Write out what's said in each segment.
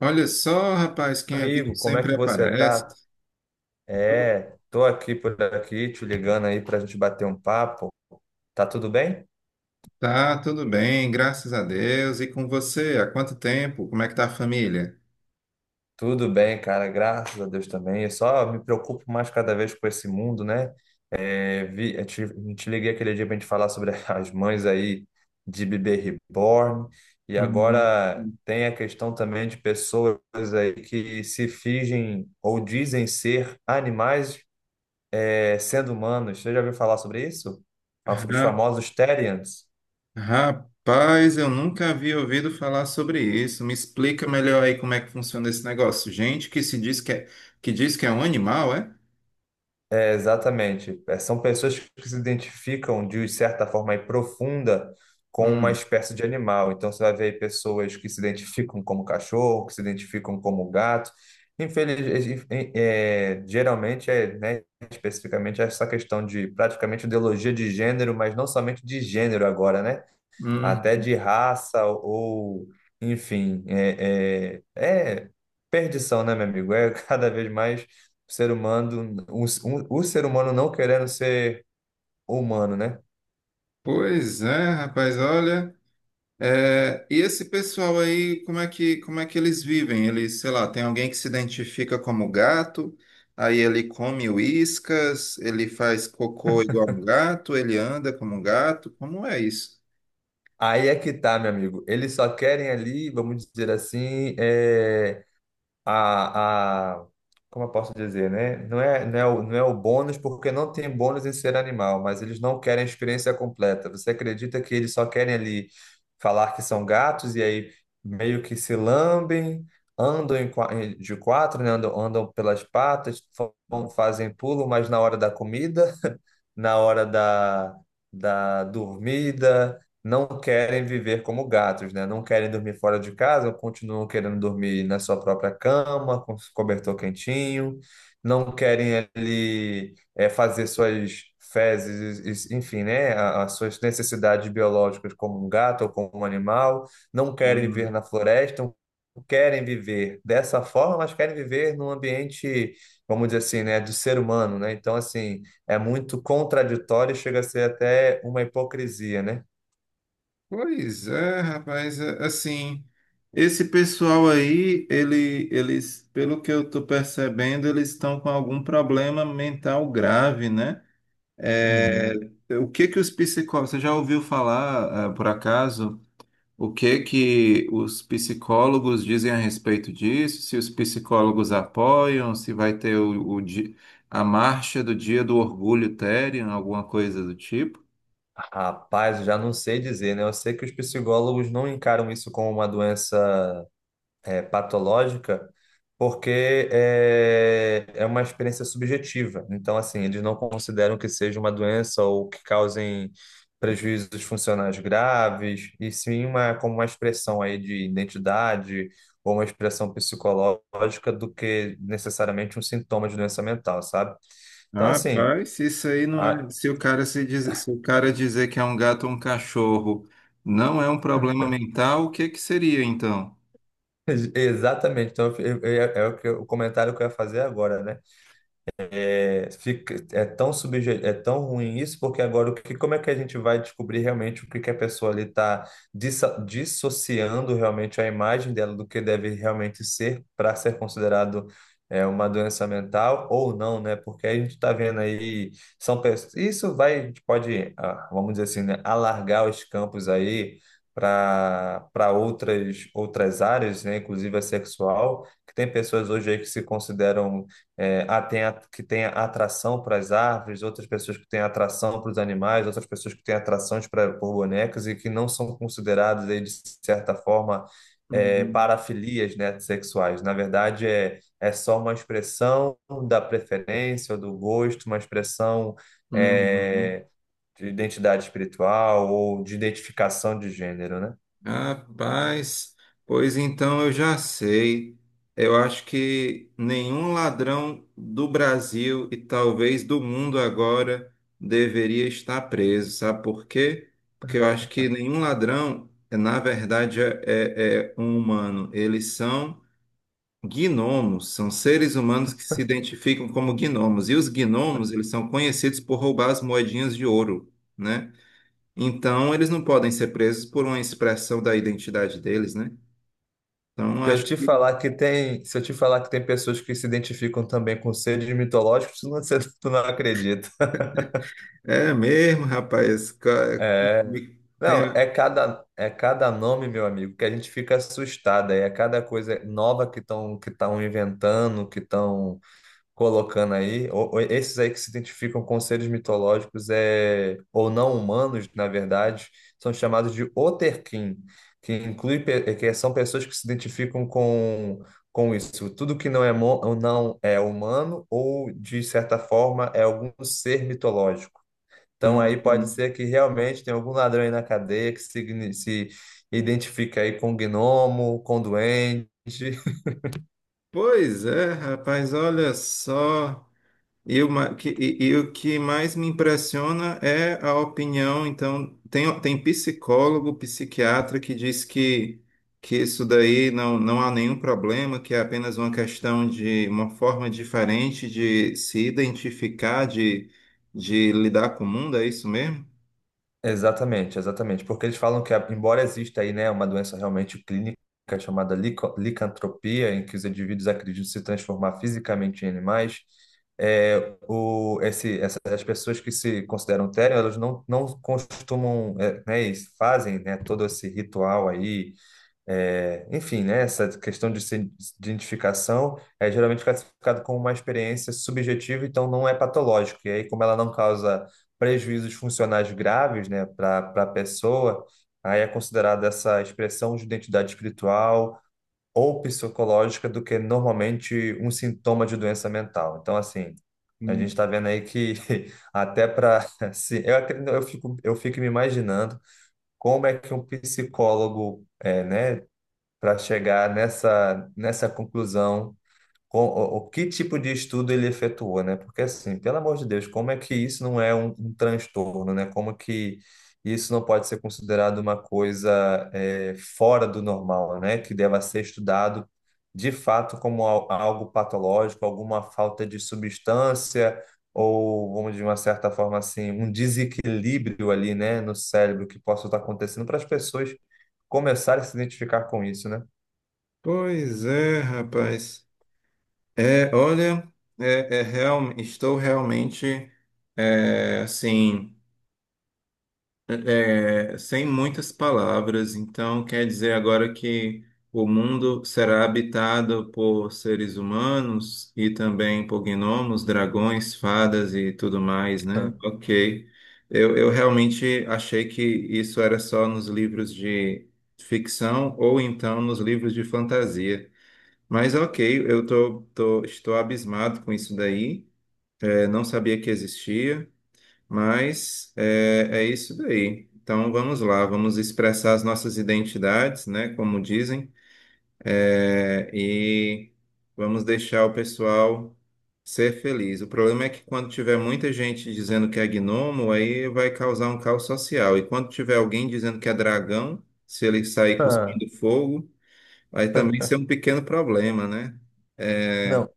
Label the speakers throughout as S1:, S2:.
S1: Olha só, rapaz, quem é vivo
S2: Amigo, como é
S1: sempre
S2: que você
S1: aparece.
S2: tá? Tô aqui por aqui, te ligando aí pra gente bater um papo. Tá tudo bem?
S1: Tá, tudo bem, graças a Deus. E com você? Há quanto tempo? Como é que tá a família?
S2: Tudo bem, cara, graças a Deus também. Eu só me preocupo mais cada vez com esse mundo, né? Eu te liguei aquele dia pra gente falar sobre as mães aí de bebê reborn. E
S1: Uhum.
S2: agora tem a questão também de pessoas aí que se fingem ou dizem ser animais, sendo humanos. Você já ouviu falar sobre isso? Os
S1: Ra-
S2: famosos Therians.
S1: Rapaz, eu nunca havia ouvido falar sobre isso. Me explica melhor aí como é que funciona esse negócio. Gente que se diz que diz que é um animal, é?
S2: Exatamente. É, são pessoas que se identificam de certa forma aí profunda com uma
S1: Hum,
S2: espécie de animal. Então você vai ver aí pessoas que se identificam como cachorro, que se identificam como gato. Infeliz, geralmente é, né, especificamente essa questão de praticamente ideologia de gênero, mas não somente de gênero agora, né?
S1: hum.
S2: Até de raça ou, enfim, é perdição, né, meu amigo? É cada vez mais o ser humano, o ser humano não querendo ser humano, né?
S1: Pois é, rapaz, olha. É, e esse pessoal aí, como é que eles vivem? Eles, sei lá, tem alguém que se identifica como gato, aí ele come uíscas, ele faz cocô igual um gato, ele anda como um gato, como é isso?
S2: Aí é que tá, meu amigo. Eles só querem ali, vamos dizer assim, a, a, como eu posso dizer, né? Não é o bônus, porque não tem bônus em ser animal, mas eles não querem a experiência completa. Você acredita que eles só querem ali falar que são gatos e aí meio que se lambem, andam de quatro, né? Andam pelas patas, fazem pulo, mas na hora da comida, na hora da dormida não querem viver como gatos, né? Não querem dormir fora de casa, continuam querendo dormir na sua própria cama, com cobertor quentinho, não querem ali fazer suas fezes, enfim, né? a- As suas necessidades biológicas como um gato ou como um animal, não querem viver
S1: Hum.
S2: na floresta, não querem viver dessa forma, mas querem viver num ambiente, vamos dizer assim, né? Do ser humano, né? Então, assim, é muito contraditório e chega a ser até uma hipocrisia, né?
S1: Pois é, rapaz, assim, esse pessoal aí, eles, pelo que eu tô percebendo, eles estão com algum problema mental grave, né? É,
S2: Uhum.
S1: o que que os psicólogos, você já ouviu falar, por acaso? O que que os psicólogos dizem a respeito disso? Se os psicólogos apoiam, se vai ter o a marcha do Dia do Orgulho Therian, alguma coisa do tipo?
S2: Rapaz, eu já não sei dizer, né? Eu sei que os psicólogos não encaram isso como uma doença patológica, porque é uma experiência subjetiva. Então, assim, eles não consideram que seja uma doença ou que causem prejuízos funcionais graves, e sim uma, como uma expressão aí de identidade ou uma expressão psicológica do que necessariamente um sintoma de doença mental, sabe? Então, assim.
S1: Rapaz, se isso aí não é. Se o cara se diz, se o cara dizer que é um gato ou um cachorro não é um problema mental, o que que seria então?
S2: Exatamente. Então, o comentário que eu ia fazer agora, né? É, fica, é tão subje, é tão ruim isso, porque agora como é que a gente vai descobrir realmente que a pessoa ali está dissociando realmente a imagem dela do que deve realmente ser para ser considerado uma doença mental ou não, né? Porque a gente está vendo aí, são pessoas, isso vai, a gente pode, ah, vamos dizer assim, né, alargar os campos aí para outras áreas, né? Inclusive a sexual, que tem pessoas hoje aí que se consideram que tem atração para as árvores, outras pessoas que têm atração para os animais, outras pessoas que têm atrações pra, por bonecas e que não são consideradas, aí, de certa forma,
S1: Uhum,
S2: parafilias, né, sexuais. Na verdade, é só uma expressão da preferência, ou do gosto, uma expressão,
S1: uhum.
S2: é, de identidade espiritual ou de identificação de gênero, né?
S1: Rapaz, pois então eu já sei. Eu acho que nenhum ladrão do Brasil e talvez do mundo agora deveria estar preso. Sabe por quê? Porque eu acho que nenhum ladrão, na verdade, é um humano. Eles são gnomos, são seres humanos que se identificam como gnomos. E os gnomos, eles são conhecidos por roubar as moedinhas de ouro, né? Então, eles não podem ser presos por uma expressão da identidade deles, né? Então,
S2: Se eu
S1: acho
S2: te
S1: que
S2: falar que tem, se eu te falar que tem pessoas que se identificam também com seres mitológicos, tu não acredita.
S1: é mesmo, rapaz.
S2: É,
S1: Tem...
S2: não, é cada nome, meu amigo, que a gente fica assustado. Aí é cada coisa nova que estão inventando, que estão colocando aí. Ou esses aí que se identificam com seres mitológicos ou não humanos, na verdade, são chamados de Oterkin, que que são pessoas que se identificam com isso. Tudo que ou não é humano ou, de certa forma, é algum ser mitológico. Então aí pode
S1: Hum.
S2: ser que realmente tenha algum ladrão aí na cadeia que se identifica aí com gnomo, com duende.
S1: Pois é, rapaz, olha só. E o ma- que, e o que mais me impressiona é a opinião. Então, tem psicólogo, psiquiatra que diz que isso daí não há nenhum problema, que é apenas uma questão de uma forma diferente de se identificar, de lidar com o mundo, é isso mesmo?
S2: Exatamente. Porque eles falam que, embora exista aí, né, uma doença realmente clínica chamada licantropia, em que os indivíduos acreditam se transformar fisicamente em animais, as pessoas que se consideram tério, elas não, não costumam, e fazem, né, todo esse ritual aí. É, enfim, né, essa questão de se- de identificação é geralmente classificado como uma experiência subjetiva, então não é patológico. E aí, como ela não causa prejuízos funcionais graves, né, para a pessoa, aí é considerada essa expressão de identidade espiritual ou psicológica do que normalmente um sintoma de doença mental. Então, assim, a gente
S1: Hum.
S2: está vendo aí que até para assim, eu fico, me imaginando como é que um psicólogo né? Para chegar nessa, nessa conclusão, o que tipo de estudo ele efetuou, né? Porque assim, pelo amor de Deus, como é que isso não é um transtorno, né? Como que isso não pode ser considerado uma coisa fora do normal, né? Que deva ser estudado de fato como algo patológico, alguma falta de substância ou, vamos de uma certa forma assim, um desequilíbrio ali, né, no cérebro que possa estar acontecendo para as pessoas começarem a se identificar com isso, né?
S1: Pois é, rapaz. É, olha, é, é real, estou realmente, é, assim. É, sem muitas palavras. Então quer dizer agora que o mundo será habitado por seres humanos e também por gnomos, dragões, fadas e tudo mais, né?
S2: Ah,
S1: Ok. Eu realmente achei que isso era só nos livros de ficção ou então nos livros de fantasia. Mas ok, estou abismado com isso daí. É, não sabia que existia. Mas é, é isso daí. Então vamos lá, vamos expressar as nossas identidades, né? Como dizem, é, e vamos deixar o pessoal ser feliz. O problema é que quando tiver muita gente dizendo que é gnomo, aí vai causar um caos social. E quando tiver alguém dizendo que é dragão, se ele sair
S2: ah,
S1: cuspindo fogo, vai também ser um pequeno problema, né? É,
S2: Não,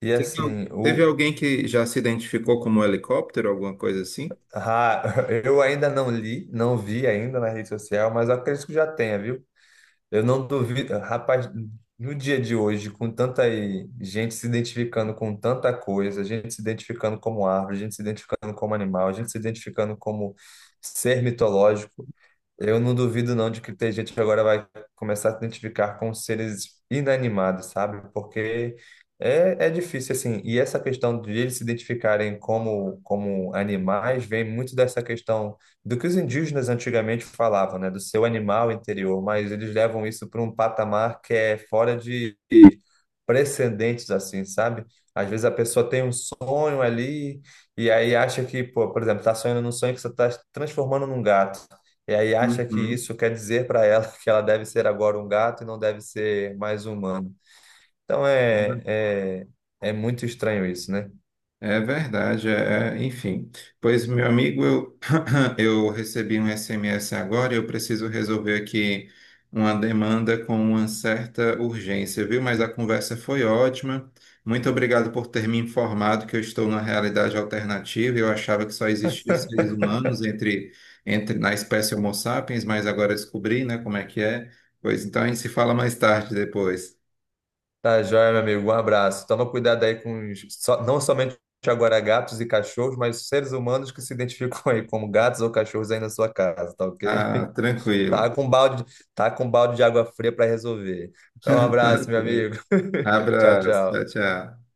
S2: e assim,
S1: teve alguém que já se identificou como helicóptero, alguma coisa assim?
S2: ah, eu ainda não li, não vi ainda na rede social, mas eu acredito que já tenha, viu? Eu não duvido, rapaz, no dia de hoje, com tanta gente se identificando com tanta coisa, gente se identificando como árvore, gente se identificando como animal, gente se identificando como ser mitológico. Eu não duvido não de que tem gente que agora vai começar a se identificar com seres inanimados, sabe? Porque é difícil, assim. E essa questão de eles se identificarem como animais vem muito dessa questão do que os indígenas antigamente falavam, né? Do seu animal interior, mas eles levam isso para um patamar que é fora de precedentes assim, sabe? Às vezes a pessoa tem um sonho ali e aí acha que, pô, por exemplo, tá sonhando num sonho que você tá transformando num gato. E aí acha que
S1: Uhum.
S2: isso quer dizer para ela que ela deve ser agora um gato e não deve ser mais humano. Então é, é, é muito estranho isso, né?
S1: É verdade, enfim. Pois, meu amigo, eu, eu recebi um SMS agora e eu preciso resolver aqui uma demanda com uma certa urgência, viu? Mas a conversa foi ótima. Muito obrigado por ter me informado que eu estou numa realidade alternativa. Eu achava que só existiam seres humanos entre na espécie Homo sapiens, mas agora descobri, né, como é que é. Pois então a gente se fala mais tarde depois.
S2: Tá joia, meu amigo. Um abraço. Toma cuidado aí com não somente agora gatos e cachorros, mas seres humanos que se identificam aí como gatos ou cachorros aí na sua casa, tá ok?
S1: Ah, tranquilo.
S2: Tá com balde, tá com balde de água fria para resolver. Então, um abraço, meu amigo. Tchau,
S1: Abraço, tchau,
S2: tchau.
S1: tchau.